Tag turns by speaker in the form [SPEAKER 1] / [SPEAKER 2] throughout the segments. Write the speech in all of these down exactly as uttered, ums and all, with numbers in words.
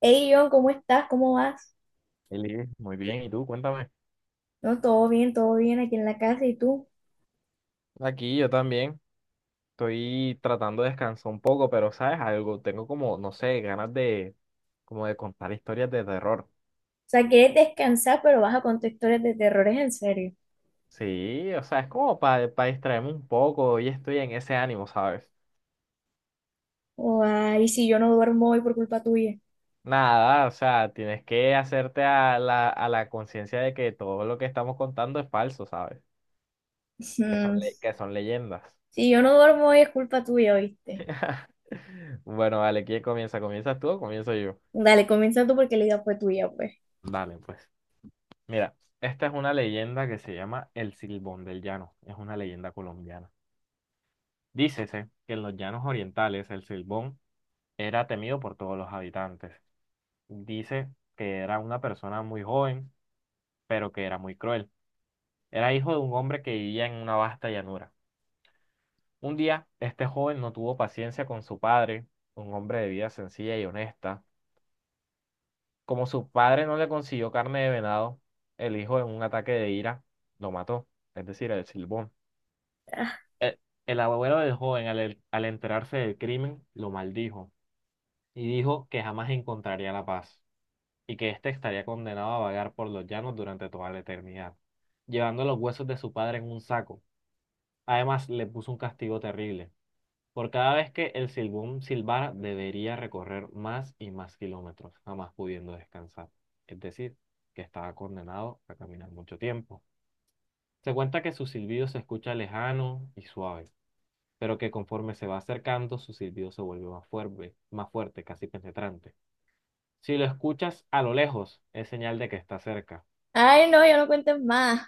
[SPEAKER 1] Hey John, ¿cómo estás? ¿Cómo vas?
[SPEAKER 2] Eli, muy bien, ¿y tú? Cuéntame.
[SPEAKER 1] No, todo bien, todo bien aquí en la casa. ¿Y tú?
[SPEAKER 2] Aquí yo también estoy tratando de descansar un poco, pero ¿sabes algo? Tengo como, no sé, ganas de como de contar historias de terror.
[SPEAKER 1] O sea, quieres descansar, pero vas a contar historias de terrores en serio.
[SPEAKER 2] Sí, o sea, es como para distraerme un poco y estoy en ese ánimo, ¿sabes?
[SPEAKER 1] Oh, ay, si yo no duermo hoy por culpa tuya.
[SPEAKER 2] Nada, o sea, tienes que hacerte a la, a la conciencia de que todo lo que estamos contando es falso, ¿sabes? Que son,
[SPEAKER 1] Mm.
[SPEAKER 2] le- que son leyendas.
[SPEAKER 1] Si yo no duermo hoy es culpa tuya, ¿oíste?
[SPEAKER 2] Bueno, vale, ¿quién comienza? ¿Comienzas tú o comienzo yo?
[SPEAKER 1] Dale, comienza tú porque la idea fue tuya, pues.
[SPEAKER 2] Dale, pues. Mira, esta es una leyenda que se llama El Silbón del Llano. Es una leyenda colombiana. Dícese que en los llanos orientales el Silbón era temido por todos los habitantes. Dice que era una persona muy joven, pero que era muy cruel. Era hijo de un hombre que vivía en una vasta llanura. Un día, este joven no tuvo paciencia con su padre, un hombre de vida sencilla y honesta. Como su padre no le consiguió carne de venado, el hijo en un ataque de ira lo mató, es decir, el Silbón.
[SPEAKER 1] Ah.
[SPEAKER 2] El, el abuelo del joven, al, al enterarse del crimen, lo maldijo y dijo que jamás encontraría la paz y que éste estaría condenado a vagar por los llanos durante toda la eternidad, llevando los huesos de su padre en un saco. Además, le puso un castigo terrible. Por cada vez que el silbón silbara, debería recorrer más y más kilómetros, jamás pudiendo descansar. Es decir, que estaba condenado a caminar mucho tiempo. Se cuenta que su silbido se escucha lejano y suave pero que conforme se va acercando, su silbido se vuelve más fuerte, más fuerte, casi penetrante. Si lo escuchas a lo lejos, es señal de que está cerca.
[SPEAKER 1] Ay, no, ya no cuentes más.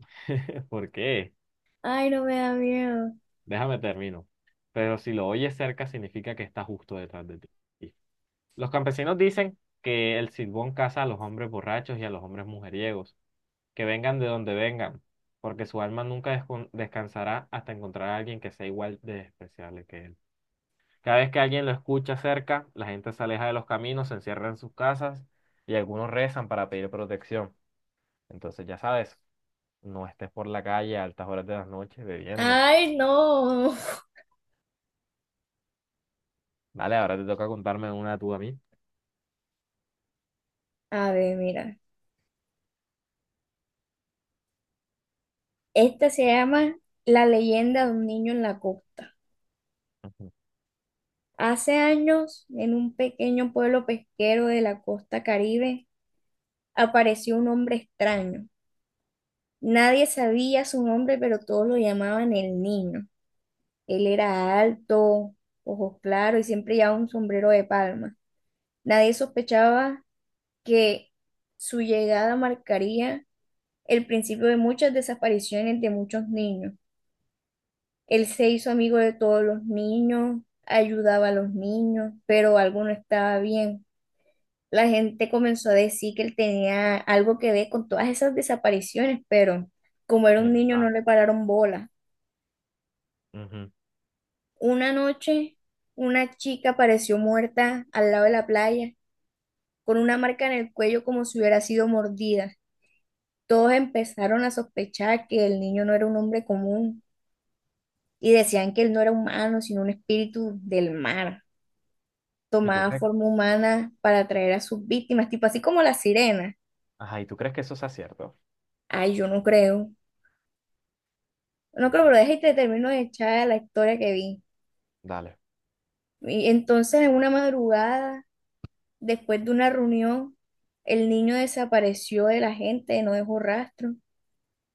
[SPEAKER 2] ¿Por qué?
[SPEAKER 1] Ay, no me da miedo.
[SPEAKER 2] Déjame termino. Pero si lo oyes cerca, significa que está justo detrás de ti. Los campesinos dicen que el silbón caza a los hombres borrachos y a los hombres mujeriegos, que vengan de donde vengan, porque su alma nunca descon- descansará hasta encontrar a alguien que sea igual de despreciable que él. Cada vez que alguien lo escucha cerca, la gente se aleja de los caminos, se encierra en sus casas y algunos rezan para pedir protección. Entonces, ya sabes, no estés por la calle a altas horas de la noche bebiendo.
[SPEAKER 1] Ay, no.
[SPEAKER 2] Vale, ahora te toca contarme una tú a mí.
[SPEAKER 1] A ver, mira. Esta se llama La leyenda de un niño en la costa.
[SPEAKER 2] Ujú.
[SPEAKER 1] Hace años, en un pequeño pueblo pesquero de la costa Caribe, apareció un hombre extraño. Nadie sabía su nombre, pero todos lo llamaban el niño. Él era alto, ojos claros y siempre llevaba un sombrero de palma. Nadie sospechaba que su llegada marcaría el principio de muchas desapariciones de muchos niños. Él se hizo amigo de todos los niños, ayudaba a los niños, pero algo no estaba bien. La gente comenzó a decir que él tenía algo que ver con todas esas desapariciones, pero como era un niño no
[SPEAKER 2] Mierda.
[SPEAKER 1] le pararon bola.
[SPEAKER 2] Ujú.
[SPEAKER 1] Una noche, una chica apareció muerta al lado de la playa, con una marca en el cuello como si hubiera sido mordida. Todos empezaron a sospechar que el niño no era un hombre común y decían que él no era humano, sino un espíritu del mar.
[SPEAKER 2] ¿Y tú
[SPEAKER 1] Tomaba
[SPEAKER 2] crees?
[SPEAKER 1] forma humana para atraer a sus víctimas, tipo así como la sirena.
[SPEAKER 2] Ajá, ¿y tú crees que eso sea cierto?
[SPEAKER 1] Ay, yo no creo. No creo,
[SPEAKER 2] Ujú.
[SPEAKER 1] pero deja y te termino de echar la historia que vi.
[SPEAKER 2] Dale.
[SPEAKER 1] Y entonces, en una madrugada, después de una reunión, el niño desapareció de la gente, no dejó rastro.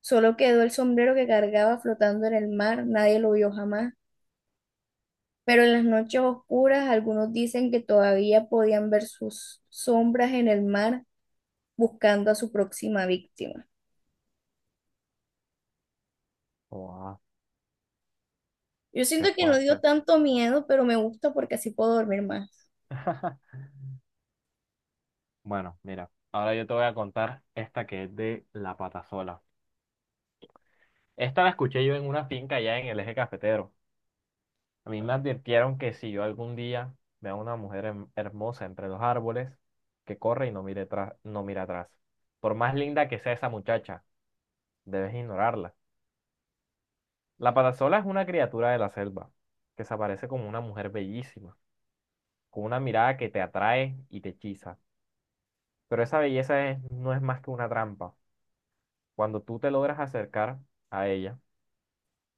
[SPEAKER 1] Solo quedó el sombrero que cargaba flotando en el mar, nadie lo vio jamás. Pero en las noches oscuras, algunos dicen que todavía podían ver sus sombras en el mar buscando a su próxima víctima.
[SPEAKER 2] Wow,
[SPEAKER 1] Yo siento
[SPEAKER 2] qué
[SPEAKER 1] que no dio
[SPEAKER 2] fuerte.
[SPEAKER 1] tanto miedo, pero me gusta porque así puedo dormir más.
[SPEAKER 2] Bueno, mira, ahora yo te voy a contar esta que es de la patasola. Esta la escuché yo en una finca allá en el eje cafetero. A mí me advirtieron que si yo algún día veo a una mujer hem- hermosa entre los árboles, que corre y no mire atrás, no mira atrás. Por más linda que sea esa muchacha, debes ignorarla. La patasola es una criatura de la selva, que se aparece como una mujer bellísima, con una mirada que te atrae y te hechiza. Pero esa belleza es- no es más que una trampa. Cuando tú te logras acercar a ella,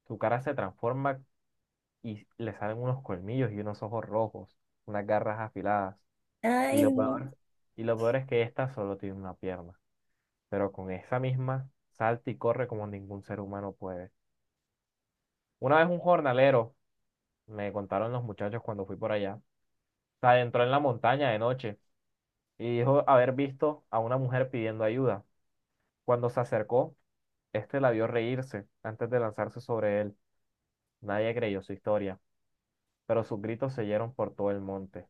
[SPEAKER 2] su cara se transforma y le salen unos colmillos y unos ojos rojos, unas garras afiladas. Y lo
[SPEAKER 1] Ay, no.
[SPEAKER 2] peor, y lo peor es que esta solo tiene una pierna, pero con esa misma salta y corre como ningún ser humano puede. Una vez un jornalero, me contaron los muchachos cuando fui por allá, se adentró en la montaña de noche y dijo haber visto a una mujer pidiendo ayuda. Cuando se acercó, este la vio reírse antes de lanzarse sobre él. Nadie creyó su historia, pero sus gritos se oyeron por todo el monte.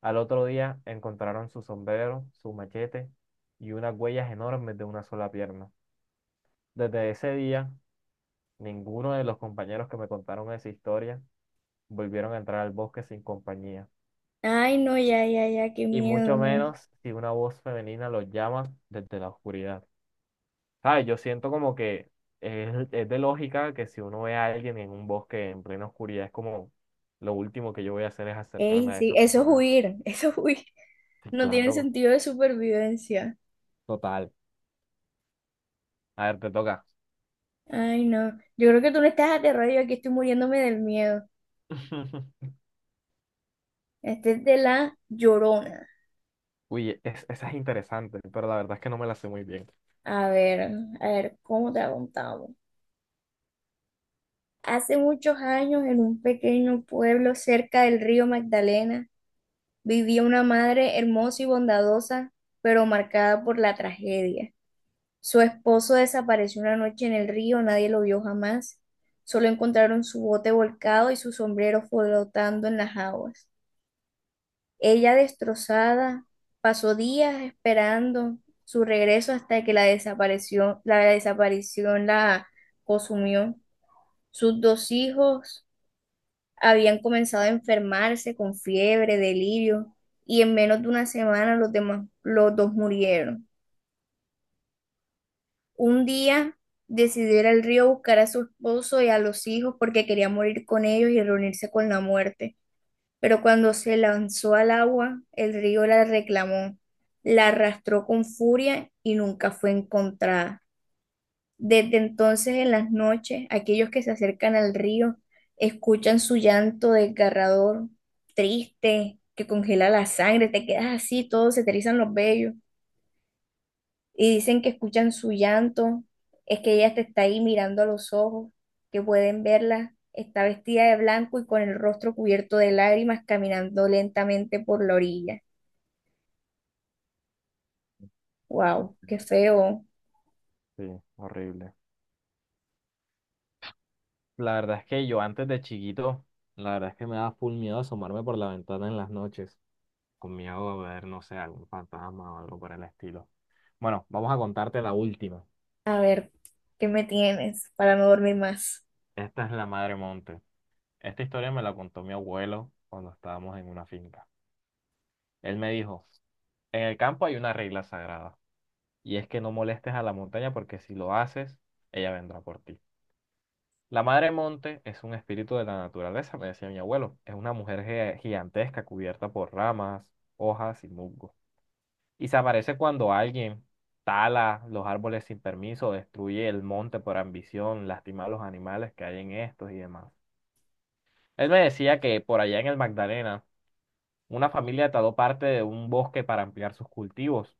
[SPEAKER 2] Al otro día encontraron su sombrero, su machete y unas huellas enormes de una sola pierna. Desde ese día, ninguno de los compañeros que me contaron esa historia volvieron a entrar al bosque sin compañía,
[SPEAKER 1] Ay, no, ya, ya, ya, qué
[SPEAKER 2] y
[SPEAKER 1] miedo.
[SPEAKER 2] mucho
[SPEAKER 1] No.
[SPEAKER 2] menos si una voz femenina los llama desde la oscuridad. ¿Sabes? Yo siento como que es, es de lógica que si uno ve a alguien en un bosque en plena oscuridad, es como lo último que yo voy a hacer es
[SPEAKER 1] Ey,
[SPEAKER 2] acercarme a
[SPEAKER 1] sí,
[SPEAKER 2] esas
[SPEAKER 1] eso es
[SPEAKER 2] personas.
[SPEAKER 1] huir, eso es huir.
[SPEAKER 2] Sí,
[SPEAKER 1] No tiene
[SPEAKER 2] claro,
[SPEAKER 1] sentido de supervivencia.
[SPEAKER 2] total. A ver, te toca.
[SPEAKER 1] Ay, no. Yo creo que tú no estás aterrado, yo aquí estoy muriéndome del miedo. Este es de la Llorona.
[SPEAKER 2] Uy, es- esa es interesante, pero la verdad es que no me la sé muy bien.
[SPEAKER 1] A ver, a ver, ¿cómo te la contamos? Hace muchos años, en un pequeño pueblo cerca del río Magdalena, vivía una madre hermosa y bondadosa, pero marcada por la tragedia. Su esposo desapareció una noche en el río, nadie lo vio jamás. Solo encontraron su bote volcado y su sombrero flotando en las aguas. Ella destrozada, pasó días esperando su regreso hasta que la desaparición, la desaparición la consumió. Sus dos hijos habían comenzado a enfermarse con fiebre, delirio, y en menos de una semana los demás, los dos murieron. Un día decidió ir al río a buscar a su esposo y a los hijos porque quería morir con ellos y reunirse con la muerte. Pero cuando se lanzó al agua, el río la reclamó, la arrastró con furia y nunca fue encontrada. Desde entonces, en las noches, aquellos que se acercan al río escuchan su llanto desgarrador, triste, que congela la sangre, te quedas así, todos se te erizan los vellos y dicen que escuchan su llanto, es que ella te está ahí mirando a los ojos, que pueden verla, está vestida de blanco y con el rostro cubierto de lágrimas caminando lentamente por la orilla.
[SPEAKER 2] Ok,
[SPEAKER 1] Wow, qué
[SPEAKER 2] pero-
[SPEAKER 1] feo.
[SPEAKER 2] Sí, horrible. La verdad es que yo antes de chiquito, la verdad es que me daba full miedo asomarme por la ventana en las noches, con miedo de ver, no sé, algún fantasma o algo por el estilo. Bueno, vamos a contarte la última.
[SPEAKER 1] A ver, ¿qué me tienes para no dormir más?
[SPEAKER 2] Esta es la Madre Monte. Esta historia me la contó mi abuelo cuando estábamos en una finca. Él me dijo, en el campo hay una regla sagrada, y es que no molestes a la montaña porque si lo haces, ella vendrá por ti. La madre monte es un espíritu de la naturaleza, me decía mi abuelo. Es una mujer ge- gigantesca cubierta por ramas, hojas y musgo. Y se aparece cuando alguien tala los árboles sin permiso, destruye el monte por ambición, lastima a los animales que hay en estos y demás. Él me decía que por allá en el Magdalena, una familia taló parte de un bosque para ampliar sus cultivos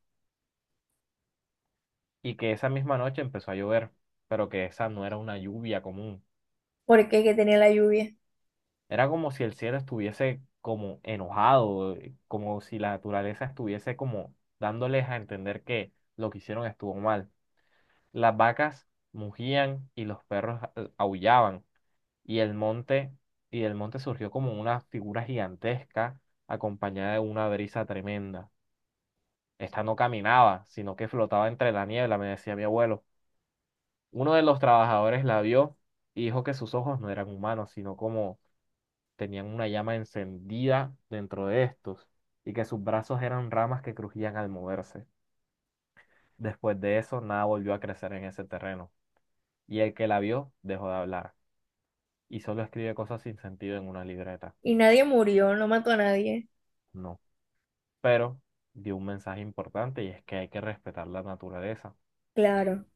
[SPEAKER 2] y que esa misma noche empezó a llover, pero que esa no era una lluvia común.
[SPEAKER 1] Porque que tenía la lluvia.
[SPEAKER 2] Era como si el cielo estuviese como enojado, eh, como si la naturaleza estuviese como dándoles a entender que lo que hicieron estuvo mal. Las vacas mugían y los perros eh, aullaban y el monte y del monte surgió como una figura gigantesca acompañada de una brisa tremenda. Esta no caminaba, sino que flotaba entre la niebla, me decía mi abuelo. Uno de los trabajadores la vio y dijo que sus ojos no eran humanos, sino como tenían una llama encendida dentro de estos y que sus brazos eran ramas que crujían al moverse. Después de eso, nada volvió a crecer en ese terreno y el que la vio dejó de hablar y solo escribe cosas sin sentido en una libreta.
[SPEAKER 1] Y nadie murió, no mató a nadie.
[SPEAKER 2] No, pero dio un mensaje importante y es que hay que respetar la naturaleza.
[SPEAKER 1] Claro,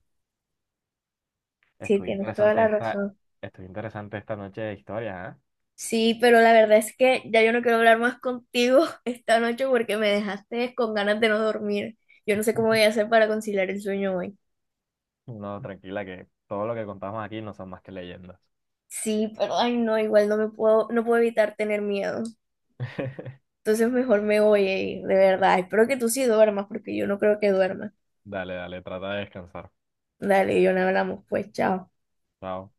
[SPEAKER 1] sí,
[SPEAKER 2] Estuvo
[SPEAKER 1] tienes toda
[SPEAKER 2] interesante
[SPEAKER 1] la
[SPEAKER 2] esta,
[SPEAKER 1] razón.
[SPEAKER 2] estuvo interesante esta noche de historia,
[SPEAKER 1] Sí, pero la verdad es que ya yo no quiero hablar más contigo esta noche porque me dejaste con ganas de no dormir. Yo no sé
[SPEAKER 2] ¿eh?
[SPEAKER 1] cómo voy a hacer para conciliar el sueño hoy.
[SPEAKER 2] No, tranquila, que todo lo que contamos aquí no son más que leyendas.
[SPEAKER 1] Sí, pero ay no, igual no me puedo, no puedo evitar tener miedo. Entonces mejor me voy, ey, de verdad. Espero que tú sí duermas porque yo no creo que duerma.
[SPEAKER 2] Dale, dale, trata de descansar.
[SPEAKER 1] Dale, yo no hablamos, pues chao.
[SPEAKER 2] Chao.